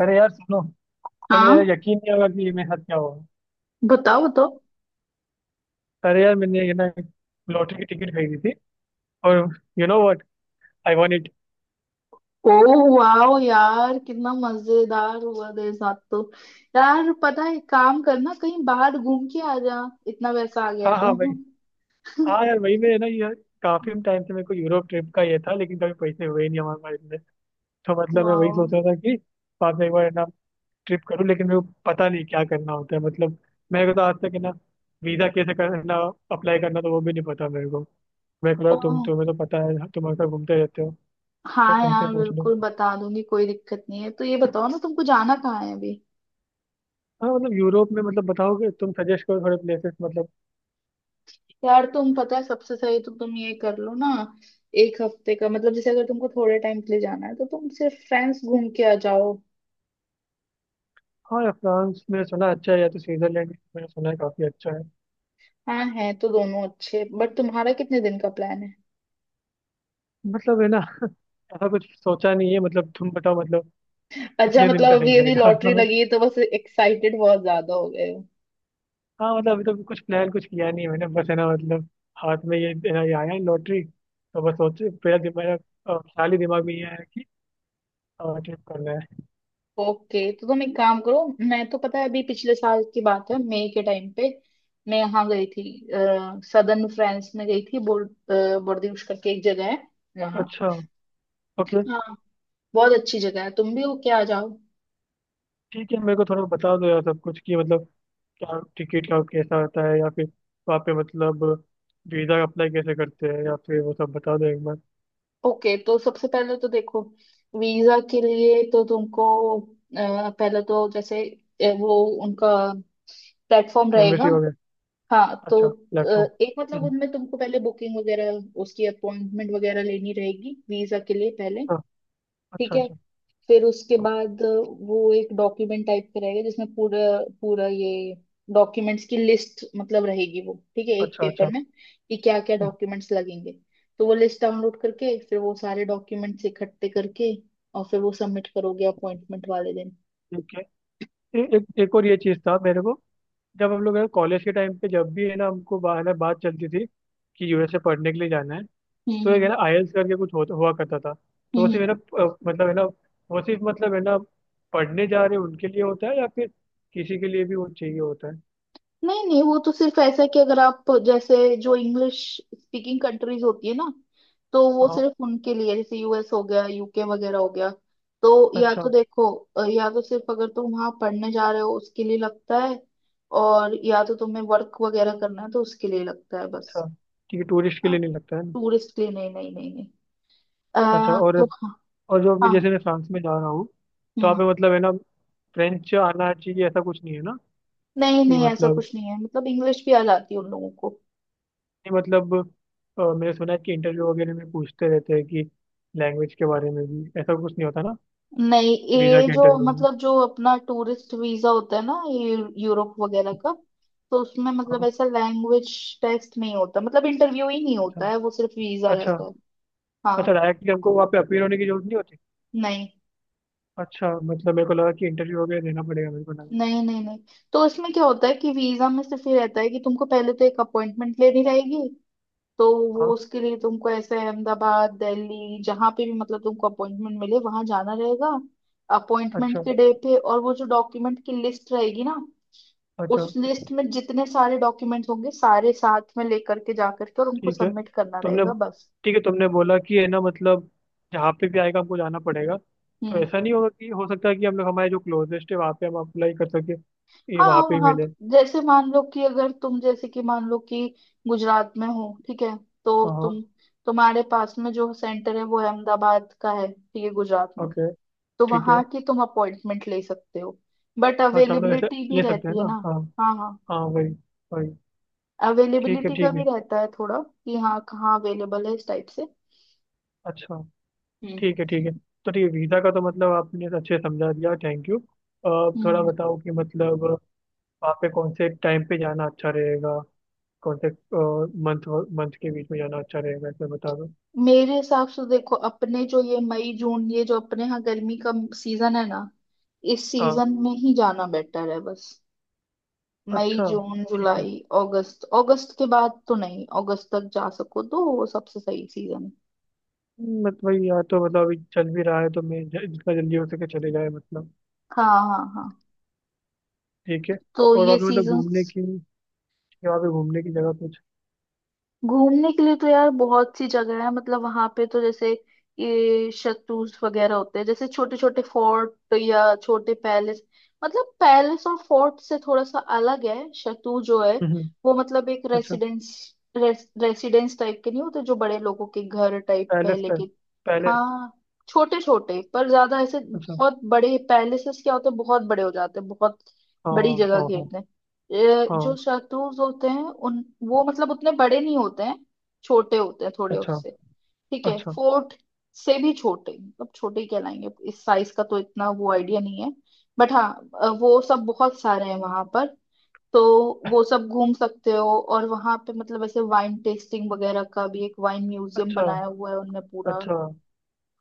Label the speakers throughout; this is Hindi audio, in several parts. Speaker 1: अरे यार सुनो। तो मेरा
Speaker 2: हाँ।
Speaker 1: यकीन नहीं होगा कि ये मेरे साथ क्या हुआ।
Speaker 2: बताओ बताओ।
Speaker 1: अरे यार मैंने ये ना, लॉटरी की टिकट खरीदी थी। और you know what, I want it.
Speaker 2: Oh wow यार, कितना मजेदार हुआ तेरे साथ तो। यार पता है, एक काम करना, कहीं बाहर घूम के आ जा, इतना पैसा आ गया
Speaker 1: हाँ
Speaker 2: तो।
Speaker 1: हाँ भाई। हाँ यार, वही मैं ना यार, काफी टाइम से मेरे को यूरोप ट्रिप का ये था, लेकिन कभी पैसे हुए ही नहीं हमारे पास में। तो मतलब मैं वही
Speaker 2: वाओ।
Speaker 1: सोच रहा था कि बाद में एक बार है ना ट्रिप करूँ, लेकिन मेरे को पता नहीं क्या करना होता है मतलब। मेरे को तो आज तक है ना, वीजा कैसे करना, अप्लाई करना, तो वो भी नहीं पता मेरे को। मैं कह रहा
Speaker 2: ओ
Speaker 1: हूँ तुम्हें तो पता है, तुम अक्सर घूमते रहते हो। तो
Speaker 2: हाँ
Speaker 1: तुमसे
Speaker 2: यार,
Speaker 1: पूछ लो।
Speaker 2: बिल्कुल बता दूंगी, कोई दिक्कत नहीं है। तो ये बताओ ना, तुमको जाना कहाँ है अभी।
Speaker 1: हाँ मतलब यूरोप में मतलब बताओगे, तुम सजेस्ट करो थोड़े प्लेसेस मतलब।
Speaker 2: यार तुम पता है सबसे सही तो तुम ये कर लो ना, एक हफ्ते का मतलब, जैसे अगर तुमको थोड़े टाइम के लिए जाना है तो तुम सिर्फ फ्रेंड्स घूम के आ जाओ।
Speaker 1: हाँ, या फ्रांस में सुना अच्छा है, या तो स्विट्जरलैंड मैंने सुना है काफी अच्छा है।
Speaker 2: हाँ, है तो दोनों अच्छे, बट तुम्हारा कितने दिन का प्लान है।
Speaker 1: मतलब है ना ऐसा कुछ सोचा नहीं है मतलब, तुम बताओ मतलब।
Speaker 2: अच्छा
Speaker 1: कितने दिन का
Speaker 2: मतलब
Speaker 1: सही
Speaker 2: अभी अभी लॉटरी
Speaker 1: रहेगा
Speaker 2: लगी है तो बस एक्साइटेड बहुत ज्यादा हो गए हो।
Speaker 1: हाँ मतलब अभी तो कुछ प्लान कुछ किया नहीं है मैंने, बस है ना मतलब, हाथ में ये है ना, ये आया है लॉटरी, तो बस सोच मेरा दिमाग, ख्याल ही दिमाग में ये है कि ट्रिप करना है।
Speaker 2: ओके, तो तुम एक काम करो, मैं तो पता है अभी पिछले साल की बात है, मई के टाइम पे मैं यहाँ गई थी। सदर्न फ्रांस में गई थी। बोर्डियुश करके एक जगह है वहाँ।
Speaker 1: अच्छा। ओके।
Speaker 2: हाँ, बहुत अच्छी जगह है, तुम भी हो क्या, आ जाओ।
Speaker 1: ठीक है, मेरे को थोड़ा बता दो यार सब कुछ कि मतलब क्या टिकट का कैसा होता है, या फिर वहाँ पे मतलब वीज़ा अप्लाई कैसे करते हैं, या फिर वो सब बता दो एक बार।
Speaker 2: ओके, तो सबसे पहले तो देखो, वीजा के लिए तो तुमको पहले तो जैसे वो उनका प्लेटफॉर्म रहेगा।
Speaker 1: एम्बेसी वगैरह।
Speaker 2: हाँ, तो
Speaker 1: अच्छा प्लेटफॉर्म।
Speaker 2: एक मतलब उनमें तुमको पहले बुकिंग वगैरह, उसकी अपॉइंटमेंट वगैरह लेनी रहेगी वीजा के लिए पहले।
Speaker 1: अच्छा
Speaker 2: ठीक
Speaker 1: अच्छा।
Speaker 2: है।
Speaker 1: अच्छा
Speaker 2: फिर उसके बाद वो एक डॉक्यूमेंट टाइप का रहेगा जिसमें पूरा पूरा ये डॉक्यूमेंट्स की लिस्ट मतलब रहेगी। वो ठीक है, एक
Speaker 1: अच्छा।
Speaker 2: पेपर
Speaker 1: अच्छा।
Speaker 2: में कि क्या क्या
Speaker 1: हम्म।
Speaker 2: डॉक्यूमेंट्स लगेंगे। तो वो लिस्ट डाउनलोड करके फिर वो सारे डॉक्यूमेंट्स इकट्ठे करके, और फिर वो सबमिट करोगे अपॉइंटमेंट वाले दिन।
Speaker 1: ठीक है। एक एक और ये चीज़ था मेरे को, जब हम लोग कॉलेज के टाइम पे जब भी है ना हमको, है ना बात चलती थी कि यूएसए पढ़ने के लिए जाना है।
Speaker 2: हम्म
Speaker 1: तो एक है
Speaker 2: हम्म
Speaker 1: ना आईएल्स करके कुछ हुआ करता था। तो वो सिर्फ
Speaker 2: हम्म।
Speaker 1: है ना, मतलब है ना वो सिर्फ मतलब है ना, पढ़ने जा रहे उनके लिए होता है, या फिर किसी के लिए भी वो चाहिए होता है।
Speaker 2: नहीं नहीं, वो तो सिर्फ ऐसा है कि अगर आप जैसे जो इंग्लिश स्पीकिंग कंट्रीज होती है ना, तो वो
Speaker 1: हाँ।
Speaker 2: सिर्फ उनके लिए, जैसे यूएस हो गया, यूके वगैरह हो गया। तो या
Speaker 1: अच्छा
Speaker 2: तो देखो, या तो सिर्फ अगर तुम वहां पढ़ने जा रहे हो उसके लिए लगता है, और या तो तुम्हें वर्क वगैरह करना है तो उसके लिए लगता है बस।
Speaker 1: अच्छा। ठीक है, टूरिस्ट के
Speaker 2: हाँ।
Speaker 1: लिए नहीं लगता है ना।
Speaker 2: टूरिस्ट के लिए नहीं नहीं नहीं नहीं।
Speaker 1: अच्छा। और
Speaker 2: तो हाँ।
Speaker 1: और जो मैं,
Speaker 2: हाँ,
Speaker 1: जैसे मैं फ्रांस में जा रहा हूँ, तो आप
Speaker 2: हम्म।
Speaker 1: मतलब है ना फ्रेंच आना चाहिए ऐसा कुछ नहीं है ना।
Speaker 2: नहीं
Speaker 1: कि
Speaker 2: नहीं, ऐसा
Speaker 1: मतलब,
Speaker 2: कुछ नहीं है, मतलब इंग्लिश भी आ जाती है उन लोगों को।
Speaker 1: नहीं मतलब, मैंने सुना है कि इंटरव्यू वगैरह में पूछते रहते हैं कि लैंग्वेज के बारे में भी ऐसा कुछ नहीं होता ना,
Speaker 2: नहीं,
Speaker 1: वीज़ा
Speaker 2: ये
Speaker 1: के
Speaker 2: जो
Speaker 1: इंटरव्यू में।
Speaker 2: मतलब जो अपना टूरिस्ट वीजा होता है ना, ये यूरोप वगैरह का, तो उसमें मतलब
Speaker 1: हाँ।
Speaker 2: ऐसा लैंग्वेज टेस्ट नहीं होता, मतलब इंटरव्यू ही नहीं
Speaker 1: अच्छा
Speaker 2: होता है, वो सिर्फ वीजा
Speaker 1: अच्छा।
Speaker 2: रहता है। हाँ।
Speaker 1: अच्छा, डायरेक्टली हमको वहाँ पे अपीयर होने की जरूरत नहीं होती।
Speaker 2: नहीं
Speaker 1: अच्छा मतलब मेरे को लगा कि इंटरव्यू वगैरह देना पड़ेगा, मेरे को लगा।
Speaker 2: नहीं नहीं नहीं। तो इसमें क्या होता है कि वीजा में सिर्फ ये रहता है कि तुमको पहले तो एक अपॉइंटमेंट लेनी रहेगी। तो वो
Speaker 1: हाँ।
Speaker 2: उसके लिए तुमको ऐसे अहमदाबाद दिल्ली जहां पे भी मतलब तुमको अपॉइंटमेंट मिले वहां जाना रहेगा अपॉइंटमेंट
Speaker 1: अच्छा
Speaker 2: के डे पे। और वो जो डॉक्यूमेंट की लिस्ट रहेगी ना,
Speaker 1: अच्छा।
Speaker 2: उस लिस्ट में जितने सारे डॉक्यूमेंट्स होंगे सारे साथ में लेकर के जा करके, और उनको
Speaker 1: ठीक है।
Speaker 2: सबमिट करना
Speaker 1: तुमने
Speaker 2: रहेगा बस।
Speaker 1: तुमने बोला कि है ना मतलब जहाँ पे भी आएगा हमको जाना पड़ेगा। तो
Speaker 2: हम्म।
Speaker 1: ऐसा नहीं होगा कि हो सकता है कि हम लोग हमारे जो क्लोजेस्ट है वहाँ पे हम अप्लाई कर सके, ये
Speaker 2: हाँ
Speaker 1: वहाँ पे ही
Speaker 2: वहाँ
Speaker 1: मिले।
Speaker 2: तो- जैसे मान लो कि अगर तुम जैसे कि मान लो कि गुजरात में हो, ठीक है, तो
Speaker 1: हाँ हाँ।
Speaker 2: तुम, तुम्हारे पास में जो सेंटर है वो अहमदाबाद का है, ठीक है, गुजरात में,
Speaker 1: ओके।
Speaker 2: तो
Speaker 1: ठीक है।
Speaker 2: वहाँ की तुम अपॉइंटमेंट ले सकते हो, बट
Speaker 1: हाँ, अच्छा हम लोग ऐसे
Speaker 2: अवेलेबिलिटी भी
Speaker 1: ले सकते हैं
Speaker 2: रहती है
Speaker 1: ना,
Speaker 2: ना।
Speaker 1: हाँ।
Speaker 2: हाँ हाँ।
Speaker 1: हाँ वही वही। ठीक है
Speaker 2: अवेलेबिलिटी का
Speaker 1: ठीक
Speaker 2: भी
Speaker 1: है।
Speaker 2: रहता है थोड़ा कि हाँ कहाँ अवेलेबल है इस टाइप से।
Speaker 1: अच्छा। ठीक है ठीक है। तो ठीक है, वीज़ा का तो मतलब आपने अच्छे से समझा दिया, थैंक यू। अब थोड़ा
Speaker 2: हम्म।
Speaker 1: बताओ कि मतलब वहाँ पे कौन से टाइम पे जाना अच्छा रहेगा, कौन से मंथ, मंथ के बीच में जाना अच्छा रहेगा ऐसे बता दो।
Speaker 2: मेरे हिसाब से देखो, अपने जो ये मई जून, ये जो अपने यहाँ गर्मी का सीजन है ना, इस
Speaker 1: हाँ।
Speaker 2: सीजन में ही जाना बेटर है बस। मई
Speaker 1: अच्छा।
Speaker 2: जून
Speaker 1: ठीक है
Speaker 2: जुलाई अगस्त, अगस्त के बाद तो नहीं, अगस्त तक जा सको तो वो सबसे सही सीजन है।
Speaker 1: मतलब वही यहाँ, तो मतलब अभी चल भी रहा है, तो मैं जितना जल्दी हो सके चले जाए मतलब।
Speaker 2: हाँ हाँ हाँ।
Speaker 1: ठीक है।
Speaker 2: तो
Speaker 1: और
Speaker 2: ये
Speaker 1: वहाँ पे मतलब
Speaker 2: सीजन।
Speaker 1: घूमने की, वहाँ पे घूमने की जगह कुछ।
Speaker 2: घूमने के लिए तो यार बहुत सी जगह है, मतलब वहां पे तो जैसे ये शत्रुज वगैरह होते हैं, जैसे छोटे छोटे फोर्ट या छोटे पैलेस, मतलब पैलेस और फोर्ट से थोड़ा सा अलग है शत्रुज जो है,
Speaker 1: हम्म।
Speaker 2: वो मतलब एक
Speaker 1: अच्छा,
Speaker 2: रेसिडेंस, रेसिडेंस टाइप के, नहीं होते जो बड़े लोगों के घर टाइप
Speaker 1: पैलेस
Speaker 2: पहले के।
Speaker 1: टाइप। पैलेस।
Speaker 2: हाँ, छोटे छोटे, पर ज्यादा ऐसे
Speaker 1: अच्छा।
Speaker 2: बहुत बड़े पैलेसेस क्या होते हैं, बहुत बड़े हो जाते हैं, बहुत
Speaker 1: हाँ
Speaker 2: बड़ी
Speaker 1: हाँ
Speaker 2: जगह
Speaker 1: हाँ हाँ।
Speaker 2: घेरते हैं। ये जो
Speaker 1: हाँ,
Speaker 2: शत्रुज होते हैं उन वो मतलब उतने बड़े नहीं होते हैं, छोटे होते हैं थोड़े
Speaker 1: अच्छा।
Speaker 2: उससे। ठीक है,
Speaker 1: अच्छा
Speaker 2: फोर्ट से भी छोटे, मतलब छोटे ही कहलाएंगे। इस साइज का तो इतना वो आइडिया नहीं है, बट हाँ वो सब बहुत सारे हैं वहां पर, तो वो सब घूम सकते हो। और वहां पे मतलब ऐसे वाइन टेस्टिंग वगैरह का भी एक वाइन म्यूजियम
Speaker 1: अच्छा
Speaker 2: बनाया हुआ है उनने पूरा।
Speaker 1: अच्छा।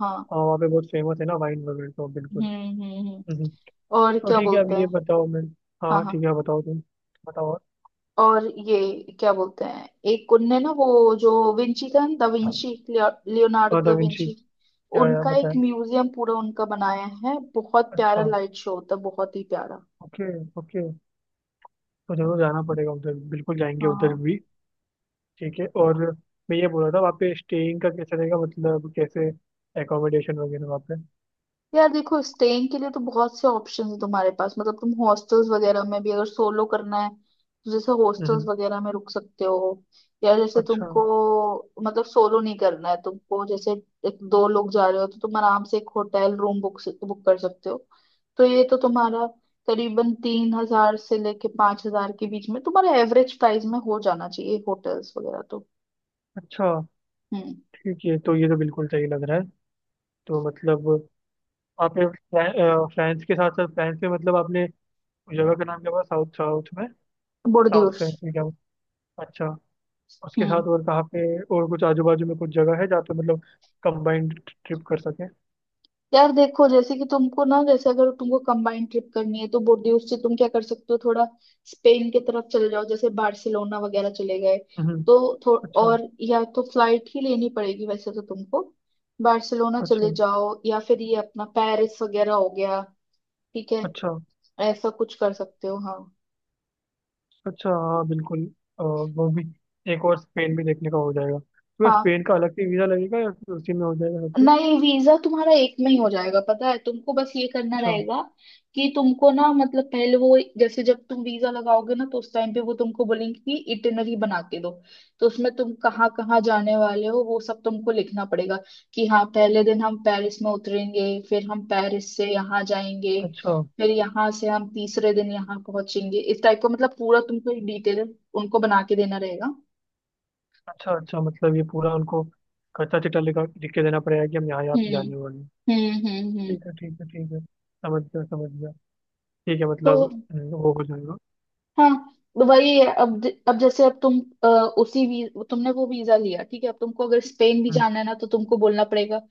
Speaker 2: हाँ।
Speaker 1: हाँ, वहाँ पे बहुत फेमस है ना वाइन वगैरह, तो बिल्कुल।
Speaker 2: हम्म हम्म हम्म।
Speaker 1: हम्म।
Speaker 2: और
Speaker 1: तो
Speaker 2: क्या
Speaker 1: ठीक है अब
Speaker 2: बोलते
Speaker 1: ये
Speaker 2: हैं।
Speaker 1: बताओ मैं।
Speaker 2: हाँ
Speaker 1: हाँ ठीक
Speaker 2: हाँ।
Speaker 1: है, बताओ तुम। बताओ।
Speaker 2: और ये क्या बोलते हैं, एक उनने ना वो जो विंची था, द विंची, लियोनार्डो
Speaker 1: और दा
Speaker 2: दा
Speaker 1: विंची,
Speaker 2: विंची,
Speaker 1: क्या यार
Speaker 2: उनका एक
Speaker 1: बताया।
Speaker 2: म्यूजियम पूरा उनका बनाया है, बहुत प्यारा
Speaker 1: अच्छा।
Speaker 2: लाइट शो होता है बहुत ही प्यारा।
Speaker 1: ओके। ओके। तो जरूर जाना पड़ेगा उधर, बिल्कुल जाएंगे
Speaker 2: हाँ
Speaker 1: उधर
Speaker 2: हाँ।
Speaker 1: भी। ठीक है। और मैं ये बोल रहा था वहाँ पे स्टेइंग का कैसा रहेगा, मतलब कैसे एकोमोडेशन वगैरह वहाँ पे।
Speaker 2: यार देखो, स्टेइंग के लिए तो बहुत से ऑप्शंस है तुम्हारे पास, मतलब तुम हॉस्टल्स वगैरह में भी, अगर सोलो करना है तो जैसे हॉस्टल्स
Speaker 1: हम्म।
Speaker 2: वगैरह में रुक सकते हो। या जैसे
Speaker 1: अच्छा
Speaker 2: तुमको मतलब सोलो नहीं करना है, तुमको जैसे एक दो लोग जा रहे हो तो तुम आराम से एक होटल रूम बुक बुक कर सकते हो। तो ये तो तुम्हारा करीबन 3000 से लेके 5000 के बीच में तुम्हारा एवरेज प्राइस में हो जाना चाहिए होटल्स वगैरह तो।
Speaker 1: अच्छा।
Speaker 2: हम्म।
Speaker 1: ठीक है, तो ये तो बिल्कुल सही लग रहा है। तो मतलब आपने फ्रांस के साथ साथ, फ्रांस में मतलब आपने उस जगह का नाम क्या बोला साउथ, साउथ में। South
Speaker 2: Bordeaux.
Speaker 1: फ्रांस में क्या बोला। अच्छा। उसके साथ और कहाँ पे, और कुछ आजू बाजू में कुछ जगह है जहाँ पे मतलब कंबाइंड ट्रिप कर सके।
Speaker 2: यार देखो, जैसे कि तुमको ना, जैसे अगर तुमको कंबाइंड ट्रिप करनी है तो बोर्डियोस से तुम क्या कर सकते हो, थोड़ा स्पेन की तरफ चले जाओ, जैसे बार्सिलोना वगैरह चले गए,
Speaker 1: हम्म।
Speaker 2: तो
Speaker 1: अच्छा
Speaker 2: और या तो फ्लाइट ही लेनी पड़ेगी वैसे तो तुमको, बार्सिलोना चले
Speaker 1: अच्छा
Speaker 2: जाओ या फिर ये अपना पेरिस वगैरह हो गया। ठीक है,
Speaker 1: अच्छा
Speaker 2: ऐसा कुछ कर सकते हो। हाँ
Speaker 1: अच्छा। हाँ बिल्कुल। वो भी, एक और स्पेन भी देखने का हो जाएगा, तो क्या
Speaker 2: हाँ।
Speaker 1: स्पेन का अलग से वीज़ा लगेगा या फिर उसी में हो जाएगा सब कुछ।
Speaker 2: नहीं, वीजा तुम्हारा एक में ही हो जाएगा, पता है तुमको बस ये करना
Speaker 1: अच्छा
Speaker 2: रहेगा कि तुमको ना मतलब पहले वो जैसे जब तुम वीजा लगाओगे ना तो उस टाइम पे वो तुमको बोलेंगे कि इटिनरी बना के दो। तो उसमें तुम कहाँ कहाँ जाने वाले हो वो सब तुमको लिखना पड़ेगा, कि हाँ, पहले दिन हम पेरिस में उतरेंगे, फिर हम पेरिस से यहाँ जाएंगे,
Speaker 1: अच्छा।
Speaker 2: फिर यहाँ से हम तीसरे दिन यहाँ पहुंचेंगे, इस टाइप का मतलब पूरा तुमको एक डिटेल उनको बना के देना रहेगा।
Speaker 1: अच्छा अच्छा, मतलब ये पूरा उनको कच्चा चिट्ठा लिख के देना पड़ेगा कि हम यहाँ यहाँ पे
Speaker 2: हम्म
Speaker 1: जाने वाले हैं।
Speaker 2: हम्म।
Speaker 1: ठीक है ठीक है ठीक है, समझ गया समझ गया। ठीक है
Speaker 2: तो
Speaker 1: मतलब वो हो जाएगा।
Speaker 2: हाँ। तो वही है, अब अब जैसे अब तुम अ, उसी तुमने वो वीजा लिया ठीक है, अब तुमको अगर स्पेन भी
Speaker 1: हम्म,
Speaker 2: जाना है ना तो तुमको बोलना पड़ेगा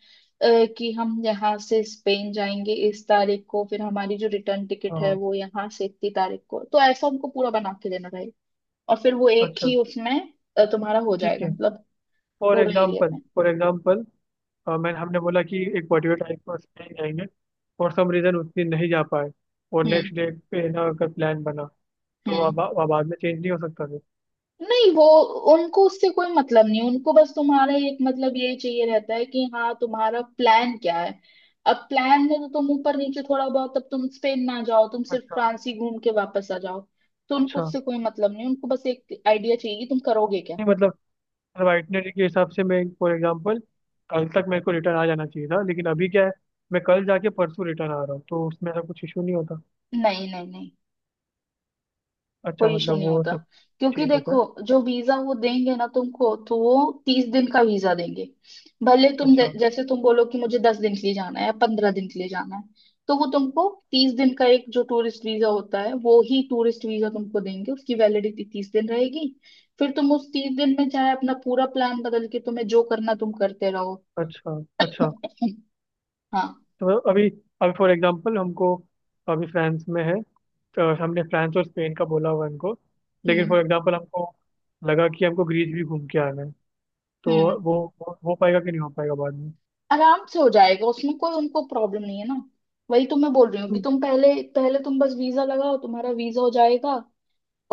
Speaker 2: कि हम यहाँ से स्पेन जाएंगे इस तारीख को, फिर हमारी जो रिटर्न टिकट है
Speaker 1: हाँ,
Speaker 2: वो यहाँ से इतनी तारीख को, तो ऐसा उनको पूरा बना के देना रहेगा और फिर वो एक
Speaker 1: अच्छा।
Speaker 2: ही उसमें तुम्हारा हो
Speaker 1: ठीक
Speaker 2: जाएगा
Speaker 1: है।
Speaker 2: मतलब
Speaker 1: फॉर
Speaker 2: पूरा एरिया
Speaker 1: एग्जाम्पल
Speaker 2: में।
Speaker 1: फॉर एग्जाम्पल मैंने हमने बोला कि एक पर्टिकुलर टाइम पर स्पेन जाएंगे, फॉर सम रीज़न उतनी नहीं जा पाए, और नेक्स्ट
Speaker 2: हम्म
Speaker 1: डे पे ना अगर प्लान बना, तो
Speaker 2: हम्म।
Speaker 1: अब बाद में चेंज नहीं हो सकता फिर।
Speaker 2: नहीं वो, उनको उससे कोई मतलब नहीं, उनको बस तुम्हारा एक मतलब यही चाहिए रहता है कि हाँ तुम्हारा प्लान क्या है। अब प्लान में तो तुम ऊपर नीचे थोड़ा बहुत, अब तुम स्पेन ना जाओ, तुम सिर्फ
Speaker 1: अच्छा
Speaker 2: फ्रांस ही घूम के वापस आ जाओ, तो उनको
Speaker 1: अच्छा।
Speaker 2: उससे कोई मतलब नहीं, उनको बस एक आइडिया चाहिए कि तुम करोगे क्या।
Speaker 1: नहीं मतलब वाइटनरी के हिसाब से मैं, फॉर एग्जांपल, कल तक मेरे को रिटर्न आ जाना चाहिए था, लेकिन अभी क्या है, मैं कल जाके परसों रिटर्न आ रहा हूँ, तो उसमें ऐसा कुछ इशू नहीं होता।
Speaker 2: नहीं नहीं नहीं।
Speaker 1: अच्छा
Speaker 2: कोई इशू
Speaker 1: मतलब
Speaker 2: नहीं
Speaker 1: वो
Speaker 2: होता,
Speaker 1: सब
Speaker 2: क्योंकि
Speaker 1: ठीक होता
Speaker 2: देखो
Speaker 1: है।
Speaker 2: जो वीजा वो देंगे ना तुमको तो वो 30 दिन का वीजा देंगे। भले तुम
Speaker 1: अच्छा
Speaker 2: जैसे तुम बोलो कि मुझे 10 दिन के लिए जाना है या 15 दिन के लिए जाना है, तो वो तुमको 30 दिन का एक जो टूरिस्ट वीजा होता है वो ही टूरिस्ट वीजा तुमको देंगे, उसकी वैलिडिटी 30 दिन रहेगी। फिर तुम उस 30 दिन में चाहे अपना पूरा प्लान बदल के तुम्हें जो करना तुम करते रहो।
Speaker 1: अच्छा अच्छा।
Speaker 2: हाँ।
Speaker 1: तो अभी, अभी फॉर एग्जांपल हमको, अभी फ्रांस में है, तो हमने फ्रांस और स्पेन का बोला हुआ है, हमको लेकिन
Speaker 2: हम्म
Speaker 1: फॉर एग्जांपल हमको लगा कि हमको ग्रीस भी घूम के आना है, तो
Speaker 2: हम्म।
Speaker 1: वो वो हो पाएगा कि नहीं हो पाएगा बाद में।
Speaker 2: आराम से हो जाएगा, उसमें कोई उनको प्रॉब्लम नहीं है ना। वही तो मैं बोल रही हूँ कि
Speaker 1: हम्म,
Speaker 2: तुम पहले पहले तुम बस वीजा लगाओ, तुम्हारा वीजा हो जाएगा।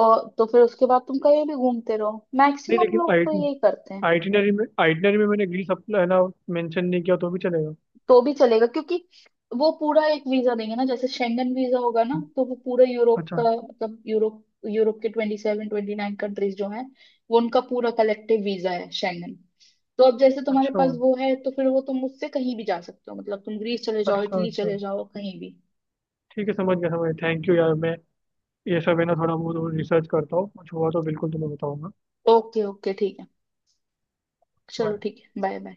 Speaker 2: और तो फिर उसके बाद तुम कहीं भी घूमते रहो,
Speaker 1: नहीं
Speaker 2: मैक्सिमम
Speaker 1: लेकिन
Speaker 2: लोग तो यही करते हैं।
Speaker 1: आइटिनरी में मैंने ग्रीस अप है ना मेंशन नहीं किया, तो भी चलेगा।
Speaker 2: तो भी चलेगा, क्योंकि वो पूरा एक वीजा देंगे ना, जैसे शेंगन वीजा होगा ना तो वो पूरा यूरोप
Speaker 1: अच्छा
Speaker 2: का मतलब यूरोप यूरोप के 27 29 कंट्रीज जो हैं, वो उनका पूरा कलेक्टिव वीजा है शेंगन। तो अब जैसे तुम्हारे
Speaker 1: अच्छा
Speaker 2: पास वो है तो फिर वो तुम उससे कहीं भी जा सकते हो, मतलब तुम ग्रीस चले जाओ,
Speaker 1: अच्छा
Speaker 2: इटली
Speaker 1: अच्छा।
Speaker 2: चले जाओ, कहीं भी।
Speaker 1: ठीक है समझ गया समझ गया, थैंक यू यार। मैं ये सब है ना थोड़ा बहुत रिसर्च करता हूँ, कुछ हुआ तो बिल्कुल तुम्हें बताऊंगा।
Speaker 2: ओके ओके ठीक है। चलो
Speaker 1: Bye.
Speaker 2: ठीक है, बाय बाय।